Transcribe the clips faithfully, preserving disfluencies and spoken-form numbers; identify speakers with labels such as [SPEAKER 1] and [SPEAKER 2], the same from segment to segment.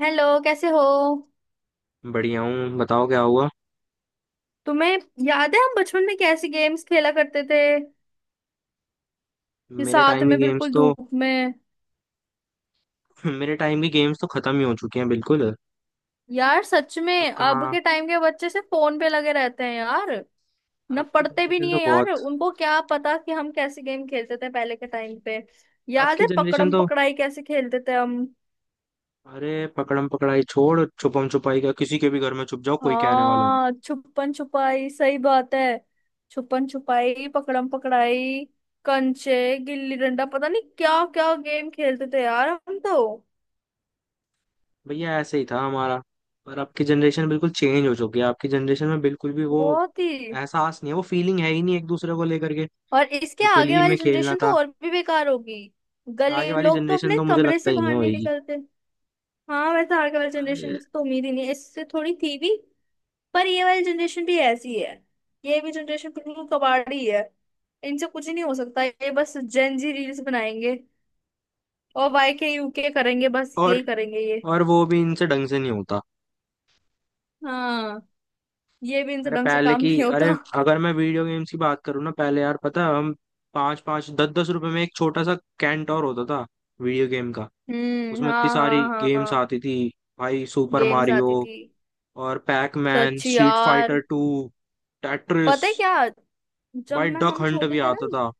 [SPEAKER 1] Hello, कैसे हो?
[SPEAKER 2] बढ़िया हूँ, बताओ क्या हुआ।
[SPEAKER 1] तुम्हें याद है हम बचपन में कैसे गेम्स खेला करते थे कि
[SPEAKER 2] मेरे
[SPEAKER 1] साथ
[SPEAKER 2] टाइम ही
[SPEAKER 1] में,
[SPEAKER 2] गेम्स
[SPEAKER 1] बिल्कुल
[SPEAKER 2] तो
[SPEAKER 1] धूप में।
[SPEAKER 2] मेरे टाइम ही गेम्स तो खत्म ही हो चुके हैं, बिल्कुल।
[SPEAKER 1] यार सच
[SPEAKER 2] अब
[SPEAKER 1] में अब
[SPEAKER 2] कहाँ।
[SPEAKER 1] के टाइम के बच्चे से फोन पे लगे रहते हैं यार। ना
[SPEAKER 2] आपकी
[SPEAKER 1] पढ़ते भी
[SPEAKER 2] जनरेशन
[SPEAKER 1] नहीं
[SPEAKER 2] तो
[SPEAKER 1] है यार,
[SPEAKER 2] बहुत
[SPEAKER 1] उनको क्या पता कि हम कैसे गेम खेलते थे पहले के टाइम पे। याद
[SPEAKER 2] आपकी
[SPEAKER 1] है
[SPEAKER 2] जनरेशन
[SPEAKER 1] पकड़म
[SPEAKER 2] तो
[SPEAKER 1] पकड़ाई कैसे खेलते थे हम?
[SPEAKER 2] अरे, पकड़म पकड़ाई छोड़ छुपम छुपाई का किसी के भी घर में छुप जाओ, कोई कहने वाला नहीं।
[SPEAKER 1] हाँ, छुपन छुपाई, सही बात है। छुपन छुपाई, पकड़म पकड़ाई, कंचे, गिल्ली डंडा, पता नहीं क्या क्या गेम खेलते थे यार हम तो।
[SPEAKER 2] भैया ऐसे ही था हमारा। पर आपकी जनरेशन बिल्कुल चेंज हो चुकी है, आपकी जनरेशन में बिल्कुल भी वो
[SPEAKER 1] बहुत ही।
[SPEAKER 2] एहसास नहीं है, वो फीलिंग है ही नहीं एक दूसरे को लेकर के।
[SPEAKER 1] और इसके
[SPEAKER 2] जो
[SPEAKER 1] आगे
[SPEAKER 2] गली
[SPEAKER 1] वाली
[SPEAKER 2] में खेलना
[SPEAKER 1] जनरेशन तो
[SPEAKER 2] था।
[SPEAKER 1] और भी बेकार होगी। गली
[SPEAKER 2] आगे वाली
[SPEAKER 1] लोग तो
[SPEAKER 2] जनरेशन
[SPEAKER 1] अपने
[SPEAKER 2] तो मुझे
[SPEAKER 1] कमरे
[SPEAKER 2] लगता
[SPEAKER 1] से
[SPEAKER 2] ही नहीं
[SPEAKER 1] बाहर नहीं
[SPEAKER 2] होएगी।
[SPEAKER 1] निकलते। हाँ वैसे आगे वाली जनरेशन
[SPEAKER 2] अरे,
[SPEAKER 1] तो उम्मीद ही नहीं है, इससे थोड़ी थी भी। पर ये वाली जनरेशन भी ऐसी है। ये भी जनरेशन बिल्कुल कबाड़ी है। इनसे कुछ ही नहीं हो सकता, ये बस जेन जी रील्स बनाएंगे। और वाई के यू के करेंगे, बस
[SPEAKER 2] और
[SPEAKER 1] यही करेंगे ये।
[SPEAKER 2] और वो भी इनसे ढंग से नहीं होता।
[SPEAKER 1] हाँ, ये भी इनसे
[SPEAKER 2] अरे
[SPEAKER 1] ढंग से
[SPEAKER 2] पहले
[SPEAKER 1] काम
[SPEAKER 2] की
[SPEAKER 1] नहीं होता।
[SPEAKER 2] अरे, अगर मैं वीडियो गेम्स की बात करूँ ना, पहले यार पता है, हम पाँच पाँच दस दस रुपए में एक छोटा सा कैंटोर होता था वीडियो गेम का।
[SPEAKER 1] हम्म,
[SPEAKER 2] उसमें इतनी
[SPEAKER 1] हाँ हाँ
[SPEAKER 2] सारी
[SPEAKER 1] हाँ
[SPEAKER 2] गेम्स
[SPEAKER 1] हाँ।
[SPEAKER 2] आती थी, भाई सुपर
[SPEAKER 1] गेम्स
[SPEAKER 2] मारियो
[SPEAKER 1] आती थी।
[SPEAKER 2] और पैक मैन,
[SPEAKER 1] सच
[SPEAKER 2] स्ट्रीट
[SPEAKER 1] यार।
[SPEAKER 2] Fighter two, Tetris.
[SPEAKER 1] पता है क्या, जब
[SPEAKER 2] भाई
[SPEAKER 1] मैं
[SPEAKER 2] डक
[SPEAKER 1] हम
[SPEAKER 2] हंट
[SPEAKER 1] छोटे
[SPEAKER 2] भी
[SPEAKER 1] थे ना।
[SPEAKER 2] आता था।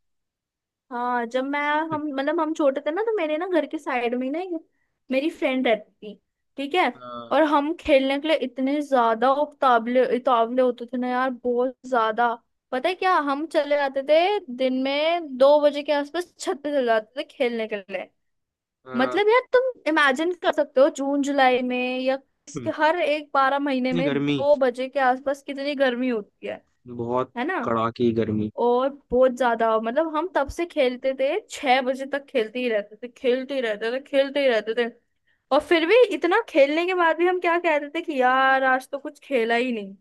[SPEAKER 1] हाँ जब मैं हम मतलब हम छोटे थे ना, तो मेरे ना घर के साइड में ही ना एक मेरी फ्रेंड रहती थी, ठीक है?
[SPEAKER 2] अ,
[SPEAKER 1] और हम खेलने के लिए इतने ज्यादा उतावले उतावले होते थे ना यार, बहुत ज्यादा। पता है क्या, हम चले जाते थे दिन में दो बजे के आसपास, छत पे चले जाते थे खेलने के लिए।
[SPEAKER 2] अ,
[SPEAKER 1] मतलब यार तुम इमेजिन कर सकते हो, जून जुलाई में या
[SPEAKER 2] हम्म,
[SPEAKER 1] इसके हर एक बारह महीने
[SPEAKER 2] इतनी
[SPEAKER 1] में
[SPEAKER 2] गर्मी।
[SPEAKER 1] दो बजे के आसपास कितनी गर्मी होती है।
[SPEAKER 2] बहुत
[SPEAKER 1] है ना?
[SPEAKER 2] कड़ाकी गर्मी।
[SPEAKER 1] और बहुत ज्यादा मतलब, हम तब से खेलते थे, छह बजे तक खेलते ही रहते थे, खेलते ही रहते थे, खेलते ही रहते थे। और फिर भी इतना खेलने के बाद भी हम क्या कहते थे कि यार आज तो कुछ खेला ही नहीं।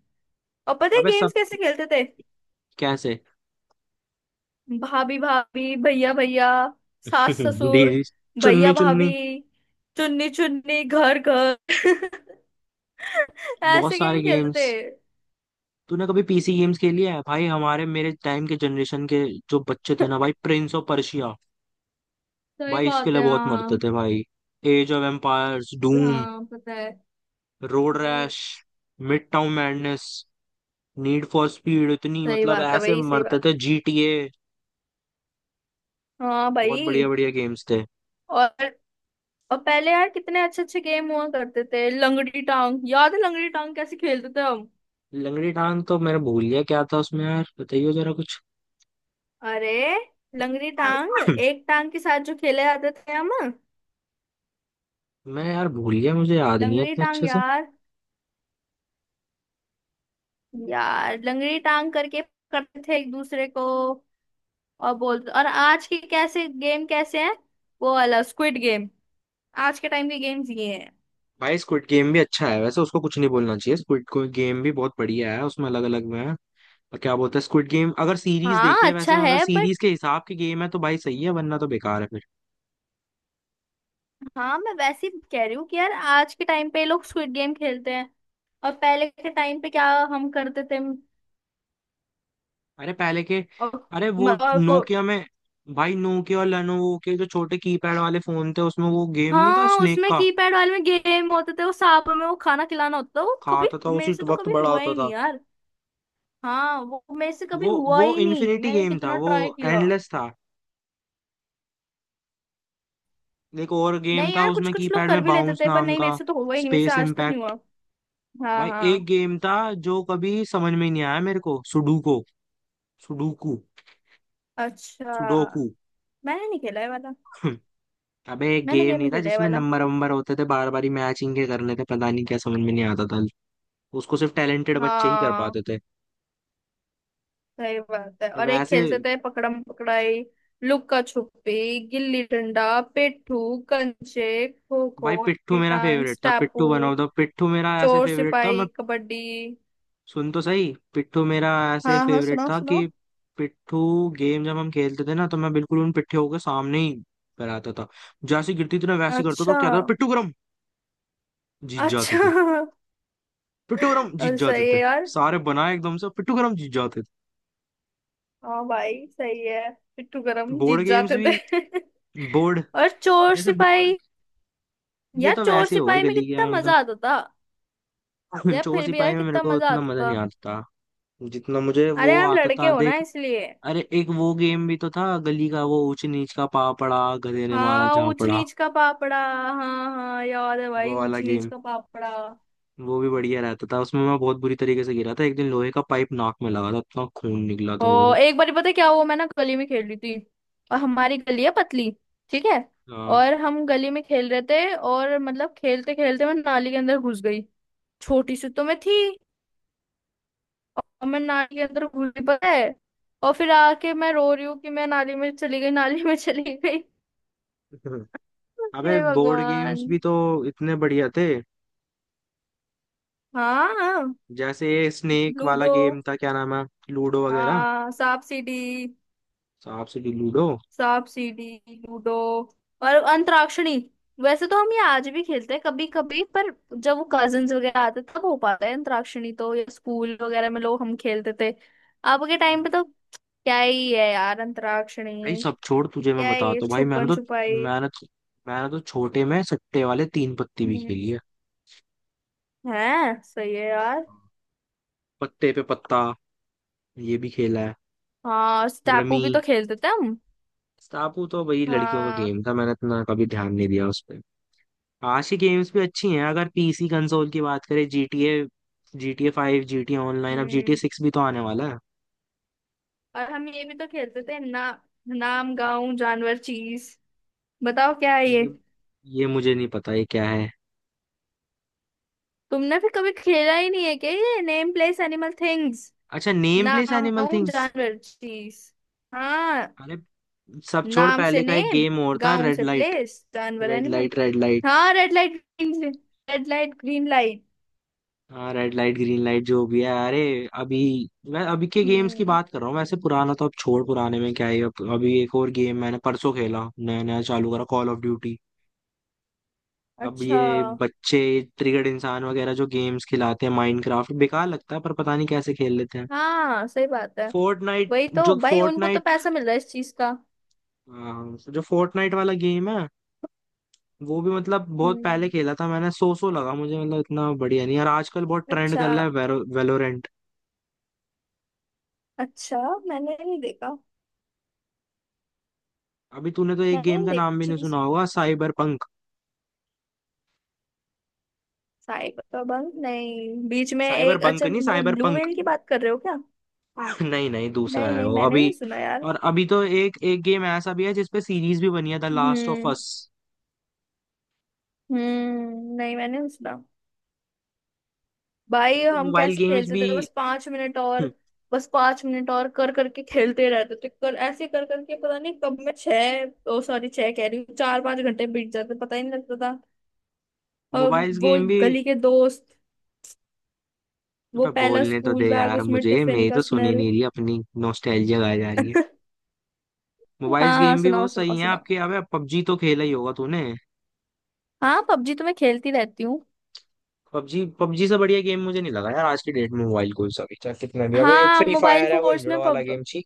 [SPEAKER 1] और पता है
[SPEAKER 2] अबे सब
[SPEAKER 1] गेम्स कैसे खेलते थे?
[SPEAKER 2] कैसे।
[SPEAKER 1] भाभी भाभी, भैया भैया, सास ससुर,
[SPEAKER 2] दीदी, चुन्नी
[SPEAKER 1] भैया
[SPEAKER 2] चुन्नी।
[SPEAKER 1] भाभी, चुन्नी चुन्नी, घर घर
[SPEAKER 2] बहुत
[SPEAKER 1] ऐसे गेम
[SPEAKER 2] सारे
[SPEAKER 1] खेलते थे।
[SPEAKER 2] गेम्स। तूने कभी पीसी गेम्स खेली है भाई? हमारे मेरे टाइम के जनरेशन के जो बच्चे थे ना भाई, प्रिंस ऑफ पर्शिया,
[SPEAKER 1] सही
[SPEAKER 2] भाई इसके
[SPEAKER 1] बात
[SPEAKER 2] लिए
[SPEAKER 1] है
[SPEAKER 2] बहुत मरते
[SPEAKER 1] हाँ।
[SPEAKER 2] थे भाई। एज ऑफ एम्पायर्स, डूम,
[SPEAKER 1] हाँ पता है।
[SPEAKER 2] रोड
[SPEAKER 1] हम्म,
[SPEAKER 2] Rash, Midtown Madness, Need for Speed, इतनी
[SPEAKER 1] सही
[SPEAKER 2] मतलब
[SPEAKER 1] बात है
[SPEAKER 2] ऐसे
[SPEAKER 1] भाई, सही
[SPEAKER 2] मरते
[SPEAKER 1] बात।
[SPEAKER 2] थे, जीटीए।
[SPEAKER 1] हाँ
[SPEAKER 2] बहुत
[SPEAKER 1] भाई।
[SPEAKER 2] बढ़िया बढ़िया गेम्स थे।
[SPEAKER 1] और और पहले यार कितने अच्छे अच्छे गेम हुआ करते थे, लंगड़ी टांग। याद है लंगड़ी टांग कैसे खेलते थे हम?
[SPEAKER 2] लंगड़ी टांग तो मैंने भूल गया क्या था उसमें, यार बताइए जरा कुछ।
[SPEAKER 1] अरे, लंगड़ी टांग एक टांग के साथ जो खेले जाते थे हम।
[SPEAKER 2] मैं यार भूल गया, मुझे याद नहीं है
[SPEAKER 1] लंगड़ी
[SPEAKER 2] इतने
[SPEAKER 1] टांग
[SPEAKER 2] अच्छे से।
[SPEAKER 1] यार, यार लंगड़ी टांग करके करते थे एक दूसरे को। और बोलते, और आज के कैसे गेम कैसे हैं, वो वाला स्क्विड गेम, आज के टाइम के गेम्स ये हैं।
[SPEAKER 2] भाई स्क्विड गेम भी अच्छा है वैसे, उसको कुछ नहीं बोलना चाहिए, स्क्विड गेम भी बहुत बढ़िया है, उसमें अलग अलग में है। क्या बोलते हैं, स्क्विड गेम अगर सीरीज
[SPEAKER 1] हाँ
[SPEAKER 2] देखी है
[SPEAKER 1] अच्छा
[SPEAKER 2] वैसे, मगर
[SPEAKER 1] है बट,
[SPEAKER 2] सीरीज के हिसाब की गेम है तो भाई सही है, वरना तो बेकार है फिर।
[SPEAKER 1] हाँ मैं वैसे ही कह रही हूँ कि यार आज के टाइम पे लोग स्क्विड गेम खेलते हैं, और पहले के टाइम पे क्या हम करते थे।
[SPEAKER 2] अरे पहले के
[SPEAKER 1] और,
[SPEAKER 2] अरे, वो
[SPEAKER 1] और वो
[SPEAKER 2] नोकिया में, भाई नोकिया और लेनोवो के जो छोटे कीपैड वाले फोन थे, उसमें वो गेम नहीं था
[SPEAKER 1] हाँ
[SPEAKER 2] स्नेक
[SPEAKER 1] उसमें
[SPEAKER 2] का?
[SPEAKER 1] कीपैड वाले में गेम होते थे, वो सांप में वो खाना खिलाना होता था वो, कभी
[SPEAKER 2] खाता था
[SPEAKER 1] मेरे
[SPEAKER 2] उसी
[SPEAKER 1] से तो
[SPEAKER 2] वक्त
[SPEAKER 1] कभी
[SPEAKER 2] बड़ा
[SPEAKER 1] हुआ
[SPEAKER 2] होता
[SPEAKER 1] ही नहीं
[SPEAKER 2] था
[SPEAKER 1] यार। हाँ, वो मेरे से कभी
[SPEAKER 2] वो।
[SPEAKER 1] हुआ
[SPEAKER 2] वो
[SPEAKER 1] ही नहीं,
[SPEAKER 2] इन्फिनिटी
[SPEAKER 1] मैंने
[SPEAKER 2] गेम था
[SPEAKER 1] कितना
[SPEAKER 2] वो,
[SPEAKER 1] ट्राई किया।
[SPEAKER 2] एंडलेस था। एक और गेम
[SPEAKER 1] नहीं
[SPEAKER 2] था
[SPEAKER 1] यार, कुछ
[SPEAKER 2] उसमें
[SPEAKER 1] कुछ लोग
[SPEAKER 2] कीपैड
[SPEAKER 1] कर
[SPEAKER 2] में
[SPEAKER 1] भी लेते
[SPEAKER 2] बाउंस
[SPEAKER 1] थे, पर
[SPEAKER 2] नाम
[SPEAKER 1] नहीं,
[SPEAKER 2] का,
[SPEAKER 1] मेरे से तो हुआ ही नहीं, मेरे से
[SPEAKER 2] स्पेस
[SPEAKER 1] आज तक नहीं
[SPEAKER 2] इम्पैक्ट।
[SPEAKER 1] हुआ। हाँ
[SPEAKER 2] भाई एक
[SPEAKER 1] हाँ।
[SPEAKER 2] गेम था जो कभी समझ में ही नहीं आया मेरे को, सुडोको, सुडोकू,
[SPEAKER 1] अच्छा,
[SPEAKER 2] सुडोकू
[SPEAKER 1] मैंने नहीं खेला है वाला।
[SPEAKER 2] अबे एक
[SPEAKER 1] मैंने
[SPEAKER 2] गेम
[SPEAKER 1] गेम
[SPEAKER 2] नहीं
[SPEAKER 1] नहीं
[SPEAKER 2] था
[SPEAKER 1] खेला है
[SPEAKER 2] जिसमें
[SPEAKER 1] वाला।
[SPEAKER 2] नंबर वंबर होते थे, बार बार ही मैचिंग के करने थे? पता नहीं, क्या समझ में नहीं आता था। उसको सिर्फ टैलेंटेड बच्चे ही कर
[SPEAKER 1] हाँ,
[SPEAKER 2] पाते थे।
[SPEAKER 1] सही बात है।
[SPEAKER 2] और
[SPEAKER 1] और एक
[SPEAKER 2] वैसे
[SPEAKER 1] खेलते थे पकड़म पकड़ाई, लुक्का छुपी, गिल्ली डंडा, पेट्टू, कंचे, खो खो,
[SPEAKER 2] भाई पिट्ठू मेरा
[SPEAKER 1] टांग
[SPEAKER 2] फेवरेट था,
[SPEAKER 1] स्टापू,
[SPEAKER 2] पिट्ठू वन ऑफ द पिट्ठू मेरा ऐसे
[SPEAKER 1] चोर
[SPEAKER 2] फेवरेट था। मैं
[SPEAKER 1] सिपाही, कबड्डी।
[SPEAKER 2] सुन तो सही, पिट्ठू मेरा ऐसे
[SPEAKER 1] हाँ हाँ,
[SPEAKER 2] फेवरेट
[SPEAKER 1] सुनाओ
[SPEAKER 2] था कि
[SPEAKER 1] सुनाओ।
[SPEAKER 2] पिट्ठू गेम जब हम खेलते थे ना, तो मैं बिल्कुल उन पिट्ठू के सामने ही कराता था, जैसे गिरती थी ना वैसे ही करता था,
[SPEAKER 1] अच्छा।
[SPEAKER 2] कहता था, पिट्ठू गरम, जीत जाते
[SPEAKER 1] अच्छा,
[SPEAKER 2] थे। पिट्ठू गरम, जीत
[SPEAKER 1] और
[SPEAKER 2] जाते
[SPEAKER 1] सही है
[SPEAKER 2] थे।
[SPEAKER 1] यार।
[SPEAKER 2] सारे बनाए एकदम से, पिट्ठू गरम, जीत जाते
[SPEAKER 1] हाँ भाई सही है, पिट्ठू
[SPEAKER 2] थे।
[SPEAKER 1] गरम
[SPEAKER 2] बोर्ड
[SPEAKER 1] जीत
[SPEAKER 2] गेम्स
[SPEAKER 1] जाते
[SPEAKER 2] भी।
[SPEAKER 1] थे।
[SPEAKER 2] बोर्ड,
[SPEAKER 1] और चोर
[SPEAKER 2] जैसे बोर्ड।
[SPEAKER 1] सिपाही,
[SPEAKER 2] ये
[SPEAKER 1] यार
[SPEAKER 2] तो
[SPEAKER 1] चोर
[SPEAKER 2] वैसे हो गई
[SPEAKER 1] सिपाही में
[SPEAKER 2] गली की,
[SPEAKER 1] कितना
[SPEAKER 2] यार मतलब।
[SPEAKER 1] मजा आता था। यार
[SPEAKER 2] चोर
[SPEAKER 1] फिर भी
[SPEAKER 2] सिपाही
[SPEAKER 1] यार
[SPEAKER 2] में मेरे
[SPEAKER 1] कितना
[SPEAKER 2] को
[SPEAKER 1] मजा
[SPEAKER 2] उतना
[SPEAKER 1] आता
[SPEAKER 2] मजा
[SPEAKER 1] था।
[SPEAKER 2] नहीं आता जितना मुझे
[SPEAKER 1] अरे
[SPEAKER 2] वो
[SPEAKER 1] आप
[SPEAKER 2] आता
[SPEAKER 1] लड़के
[SPEAKER 2] था,
[SPEAKER 1] हो ना
[SPEAKER 2] देख।
[SPEAKER 1] इसलिए।
[SPEAKER 2] अरे एक वो गेम भी तो था गली का, वो ऊंच नीच का पापड़ा, गधे ने मारा
[SPEAKER 1] हाँ ऊंच
[SPEAKER 2] झापड़ा,
[SPEAKER 1] नीच का पापड़ा, हाँ हाँ याद है
[SPEAKER 2] वो
[SPEAKER 1] भाई
[SPEAKER 2] वाला
[SPEAKER 1] ऊंच नीच
[SPEAKER 2] गेम।
[SPEAKER 1] का पापड़ा।
[SPEAKER 2] वो भी बढ़िया रहता था, उसमें मैं बहुत बुरी तरीके से गिरा था एक दिन, लोहे का पाइप नाक में लगा था, इतना खून निकला था वो।
[SPEAKER 1] ओ, एक बार पता है क्या हुआ, मैं ना गली में खेल रही थी, और हमारी गली है पतली, ठीक है?
[SPEAKER 2] हाँ।
[SPEAKER 1] और हम गली में खेल रहे थे, और मतलब खेलते खेलते मैं नाली के अंदर घुस गई। छोटी सी तो मैं थी। और मैं नाली के अंदर घुस गई पता है। और फिर आके मैं रो रही हूँ कि मैं नाली में चली गई, नाली में चली गई।
[SPEAKER 2] अबे
[SPEAKER 1] हे
[SPEAKER 2] बोर्ड गेम्स
[SPEAKER 1] भगवान।
[SPEAKER 2] भी तो इतने बढ़िया थे।
[SPEAKER 1] हाँ,
[SPEAKER 2] जैसे ये स्नेक वाला
[SPEAKER 1] लूडो।
[SPEAKER 2] गेम था, क्या नाम है? लूडो वगैरह,
[SPEAKER 1] हाँ सांप सीढ़ी।
[SPEAKER 2] सांप सीढ़ी, लूडो।
[SPEAKER 1] सांप सीढ़ी लूडो। और अंतराक्षरी। वैसे तो हम ये आज भी खेलते हैं कभी कभी, पर जब वो कजिन्स वगैरह आते तब हो पाता है अंतराक्षरी तो, या स्कूल वगैरह में लोग हम खेलते थे। अब के टाइम पे तो क्या ही है यार
[SPEAKER 2] भाई
[SPEAKER 1] अंतराक्षरी,
[SPEAKER 2] सब छोड़, तुझे मैं
[SPEAKER 1] क्या ही है,
[SPEAKER 2] बताता हूँ भाई, मैंने
[SPEAKER 1] छुपन
[SPEAKER 2] तो
[SPEAKER 1] छुपाई।
[SPEAKER 2] मैंने तो मैंने तो छोटे में सट्टे वाले तीन पत्ती भी
[SPEAKER 1] हम्म,
[SPEAKER 2] खेली है,
[SPEAKER 1] है सही है यार।
[SPEAKER 2] पत्ते पे पत्ता, ये भी खेला है,
[SPEAKER 1] हाँ स्टापू
[SPEAKER 2] रमी।
[SPEAKER 1] भी तो खेलते थे हम।
[SPEAKER 2] स्टापू तो भाई लड़कियों का
[SPEAKER 1] हाँ।
[SPEAKER 2] गेम था, मैंने इतना कभी ध्यान नहीं दिया उस पर। आज की गेम्स भी अच्छी हैं, अगर पीसी कंसोल की बात करें GTA GTA five, GTA online, अब GTA
[SPEAKER 1] हम्म,
[SPEAKER 2] सिक्स भी तो आने वाला है।
[SPEAKER 1] और हम ये भी तो खेलते थे ना, नाम गाँव जानवर चीज। बताओ क्या है ये?
[SPEAKER 2] ये ये मुझे नहीं पता ये क्या है।
[SPEAKER 1] तुमने फिर कभी खेला ही नहीं है क्या ये नेम प्लेस एनिमल थिंग्स?
[SPEAKER 2] अच्छा, नेम प्लेस
[SPEAKER 1] नाम
[SPEAKER 2] एनिमल
[SPEAKER 1] गाँव
[SPEAKER 2] थिंग्स।
[SPEAKER 1] जानवर चीज। हाँ,
[SPEAKER 2] अरे सब छोड़,
[SPEAKER 1] नाम से
[SPEAKER 2] पहले का एक
[SPEAKER 1] नेम,
[SPEAKER 2] गेम और था,
[SPEAKER 1] गाँव
[SPEAKER 2] रेड
[SPEAKER 1] से
[SPEAKER 2] लाइट
[SPEAKER 1] प्लेस, जानवर
[SPEAKER 2] red
[SPEAKER 1] animal.
[SPEAKER 2] Light red light,
[SPEAKER 1] हाँ red light green red light green light.
[SPEAKER 2] हाँ रेड लाइट ग्रीन लाइट, जो भी है। अरे अभी मैं अभी के गेम्स की
[SPEAKER 1] हम्म।
[SPEAKER 2] बात कर रहा हूँ वैसे, पुराना तो अब छोड़, पुराने में क्या ही अब। अभी एक और गेम मैंने परसों खेला, नया नया चालू करा, कॉल ऑफ ड्यूटी। अब
[SPEAKER 1] अच्छा।
[SPEAKER 2] ये बच्चे ट्रिगर्ड इंसान वगैरह जो गेम्स खिलाते हैं माइनक्राफ्ट, बेकार लगता है पर पता नहीं कैसे खेल लेते हैं।
[SPEAKER 1] हाँ सही बात है।
[SPEAKER 2] फोर्टनाइट।
[SPEAKER 1] वही तो
[SPEAKER 2] जो
[SPEAKER 1] भाई, उनको तो
[SPEAKER 2] फोर्टनाइट
[SPEAKER 1] पैसा मिल रहा है इस चीज का।
[SPEAKER 2] हाँ, जो फोर्टनाइट वाला गेम है वो भी, मतलब बहुत पहले
[SPEAKER 1] हम्म।
[SPEAKER 2] खेला था मैंने, सो सो लगा मुझे, मतलब इतना बढ़िया नहीं यार, आजकल बहुत ट्रेंड
[SPEAKER 1] अच्छा।
[SPEAKER 2] कर रहा है। वेलोरेंट।
[SPEAKER 1] अच्छा, मैंने नहीं देखा।
[SPEAKER 2] अभी तूने तो एक
[SPEAKER 1] मैंने
[SPEAKER 2] गेम
[SPEAKER 1] नहीं
[SPEAKER 2] का नाम भी
[SPEAKER 1] देखी
[SPEAKER 2] नहीं सुना
[SPEAKER 1] चीज।
[SPEAKER 2] होगा, साइबर
[SPEAKER 1] साइबर नहीं, बीच में
[SPEAKER 2] साइबर
[SPEAKER 1] एक
[SPEAKER 2] बंक
[SPEAKER 1] अच्छा,
[SPEAKER 2] नहीं,
[SPEAKER 1] वो
[SPEAKER 2] साइबर
[SPEAKER 1] ब्लू
[SPEAKER 2] पंक।
[SPEAKER 1] व्हेल की बात कर रहे हो क्या?
[SPEAKER 2] नहीं नहीं, दूसरा
[SPEAKER 1] नहीं
[SPEAKER 2] है
[SPEAKER 1] नहीं,
[SPEAKER 2] वो
[SPEAKER 1] मैंने
[SPEAKER 2] अभी।
[SPEAKER 1] नहीं सुना यार।
[SPEAKER 2] और अभी तो एक एक गेम ऐसा भी है जिसपे सीरीज भी बनी है, the last of
[SPEAKER 1] hmm.
[SPEAKER 2] Us.
[SPEAKER 1] Hmm, नहीं मैंने नहीं सुना। भाई
[SPEAKER 2] वैसे
[SPEAKER 1] हम
[SPEAKER 2] मोबाइल
[SPEAKER 1] कैसे
[SPEAKER 2] गेम्स
[SPEAKER 1] खेलते
[SPEAKER 2] भी
[SPEAKER 1] थे, बस पांच मिनट और, बस पांच मिनट और कर करके खेलते रहते थे, कर ऐसे कर करके, पता नहीं कब, मैं छह, ओ सॉरी, छह कह रही हूँ, चार पांच घंटे बीत जाते पता ही नहीं लगता था। और
[SPEAKER 2] मोबाइल
[SPEAKER 1] वो
[SPEAKER 2] गेम भी
[SPEAKER 1] गली के दोस्त, वो
[SPEAKER 2] अबे
[SPEAKER 1] पहला
[SPEAKER 2] बोलने तो दे
[SPEAKER 1] स्कूल बैग,
[SPEAKER 2] यार
[SPEAKER 1] उसमें
[SPEAKER 2] मुझे,
[SPEAKER 1] टिफिन
[SPEAKER 2] मेरी
[SPEAKER 1] का
[SPEAKER 2] तो सुनी
[SPEAKER 1] स्मेल।
[SPEAKER 2] नहीं रही अपनी, नॉस्टैल्जिया गाई जा रही है।
[SPEAKER 1] हाँ
[SPEAKER 2] मोबाइल
[SPEAKER 1] हाँ
[SPEAKER 2] गेम भी
[SPEAKER 1] सुनाओ
[SPEAKER 2] बहुत सही
[SPEAKER 1] सुनाओ
[SPEAKER 2] है
[SPEAKER 1] सुनाओ।
[SPEAKER 2] आपके। अबे पबजी तो खेला ही होगा तूने।
[SPEAKER 1] हाँ पबजी तो मैं खेलती रहती हूँ।
[SPEAKER 2] पबजी पबजी से बढ़िया गेम मुझे नहीं लगा यार, आज की डेट में मोबाइल, कोई सा भी, चाहे कितना भी, अबे एक
[SPEAKER 1] हाँ
[SPEAKER 2] फ्री
[SPEAKER 1] मोबाइल
[SPEAKER 2] फायर है वो
[SPEAKER 1] फोर्स
[SPEAKER 2] इंजड़
[SPEAKER 1] में
[SPEAKER 2] वाला
[SPEAKER 1] पब।
[SPEAKER 2] गेम, छी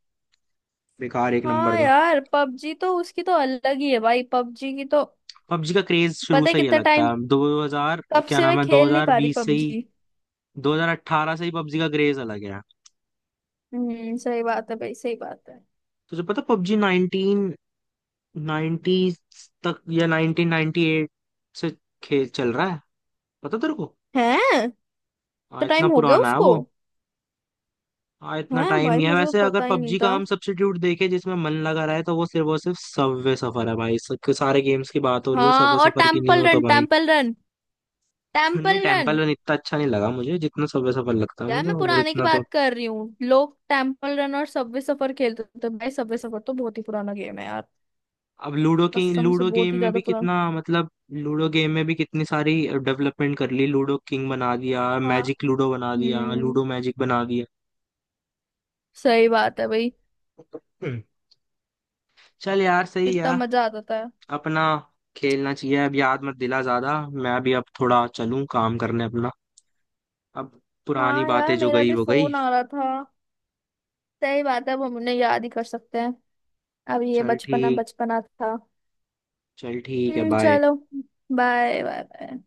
[SPEAKER 2] बेकार, एक नंबर
[SPEAKER 1] हाँ
[SPEAKER 2] का।
[SPEAKER 1] यार पबजी तो उसकी तो अलग ही है भाई, पबजी की तो।
[SPEAKER 2] पबजी का क्रेज शुरू
[SPEAKER 1] पता है
[SPEAKER 2] से ही
[SPEAKER 1] कितना
[SPEAKER 2] अलग था।
[SPEAKER 1] टाइम,
[SPEAKER 2] दो हज़ार,
[SPEAKER 1] कब
[SPEAKER 2] क्या
[SPEAKER 1] से
[SPEAKER 2] नाम
[SPEAKER 1] मैं
[SPEAKER 2] है,
[SPEAKER 1] खेल नहीं पा रही
[SPEAKER 2] दो हज़ार बीस से ही,
[SPEAKER 1] पबजी।
[SPEAKER 2] दो हज़ार अठारह से ही पबजी का क्रेज अलग है।
[SPEAKER 1] हम्म, सही बात है भाई, सही बात है।
[SPEAKER 2] तुझे पता पबजी नाइन्टीन, नाइंटीज़ तक, या नाइन्टीन नाइंटी एट से खेल चल रहा है, पता तेरे को?
[SPEAKER 1] हैं?
[SPEAKER 2] हाँ
[SPEAKER 1] तो
[SPEAKER 2] इतना
[SPEAKER 1] टाइम हो गया
[SPEAKER 2] पुराना है
[SPEAKER 1] उसको।
[SPEAKER 2] वो। हाँ इतना
[SPEAKER 1] हैं?
[SPEAKER 2] टाइम
[SPEAKER 1] भाई
[SPEAKER 2] ही है।
[SPEAKER 1] मुझे तो
[SPEAKER 2] वैसे अगर
[SPEAKER 1] पता ही नहीं
[SPEAKER 2] पबजी का
[SPEAKER 1] था।
[SPEAKER 2] हम सब्स्टिट्यूट देखें जिसमें मन लगा रहा है, तो वो सिर्फ और सिर्फ सबवे सफर है भाई। सब- सारे गेम्स की बात हो रही हो,
[SPEAKER 1] हाँ,
[SPEAKER 2] सबवे
[SPEAKER 1] और
[SPEAKER 2] सफर की नहीं
[SPEAKER 1] टेम्पल
[SPEAKER 2] हो तो
[SPEAKER 1] रन,
[SPEAKER 2] भाई।
[SPEAKER 1] टेम्पल रन,
[SPEAKER 2] नहीं,
[SPEAKER 1] टेम्पल रन।
[SPEAKER 2] टेम्पल रन इतना अच्छा नहीं लगा मुझे जितना सबवे सफर लगता है
[SPEAKER 1] यार
[SPEAKER 2] मुझे,
[SPEAKER 1] मैं
[SPEAKER 2] और
[SPEAKER 1] पुराने की
[SPEAKER 2] इतना तो।
[SPEAKER 1] बात कर रही हूँ, लोग टेम्पल रन और सबवे सफर खेलते थे भाई, सबवे सफर तो बहुत ही पुराना गेम है यार।
[SPEAKER 2] अब लूडो की,
[SPEAKER 1] कसम से
[SPEAKER 2] लूडो
[SPEAKER 1] बहुत
[SPEAKER 2] गेम
[SPEAKER 1] ही
[SPEAKER 2] में
[SPEAKER 1] ज्यादा
[SPEAKER 2] भी
[SPEAKER 1] पुराना।
[SPEAKER 2] कितना, मतलब लूडो गेम में भी कितनी सारी डेवलपमेंट कर ली, लूडो किंग बना दिया,
[SPEAKER 1] हाँ।
[SPEAKER 2] मैजिक लूडो बना दिया,
[SPEAKER 1] हम्म,
[SPEAKER 2] लूडो मैजिक बना दिया।
[SPEAKER 1] सही बात है भाई।
[SPEAKER 2] हम्म, चल यार सही
[SPEAKER 1] कितना
[SPEAKER 2] है
[SPEAKER 1] मजा आता था।
[SPEAKER 2] अपना, खेलना चाहिए। अब याद मत दिला ज्यादा, मैं भी अब थोड़ा चलूं, काम करने अपना। अब पुरानी
[SPEAKER 1] हाँ यार
[SPEAKER 2] बातें जो
[SPEAKER 1] मेरा
[SPEAKER 2] गई
[SPEAKER 1] भी
[SPEAKER 2] वो गई।
[SPEAKER 1] फोन आ रहा था। सही बात है, अब हम उन्हें याद ही कर सकते हैं। अब ये
[SPEAKER 2] चल
[SPEAKER 1] बचपना
[SPEAKER 2] ठीक,
[SPEAKER 1] बचपना था।
[SPEAKER 2] चल ठीक है,
[SPEAKER 1] हम्म,
[SPEAKER 2] बाय।
[SPEAKER 1] चलो। Bye bye bye.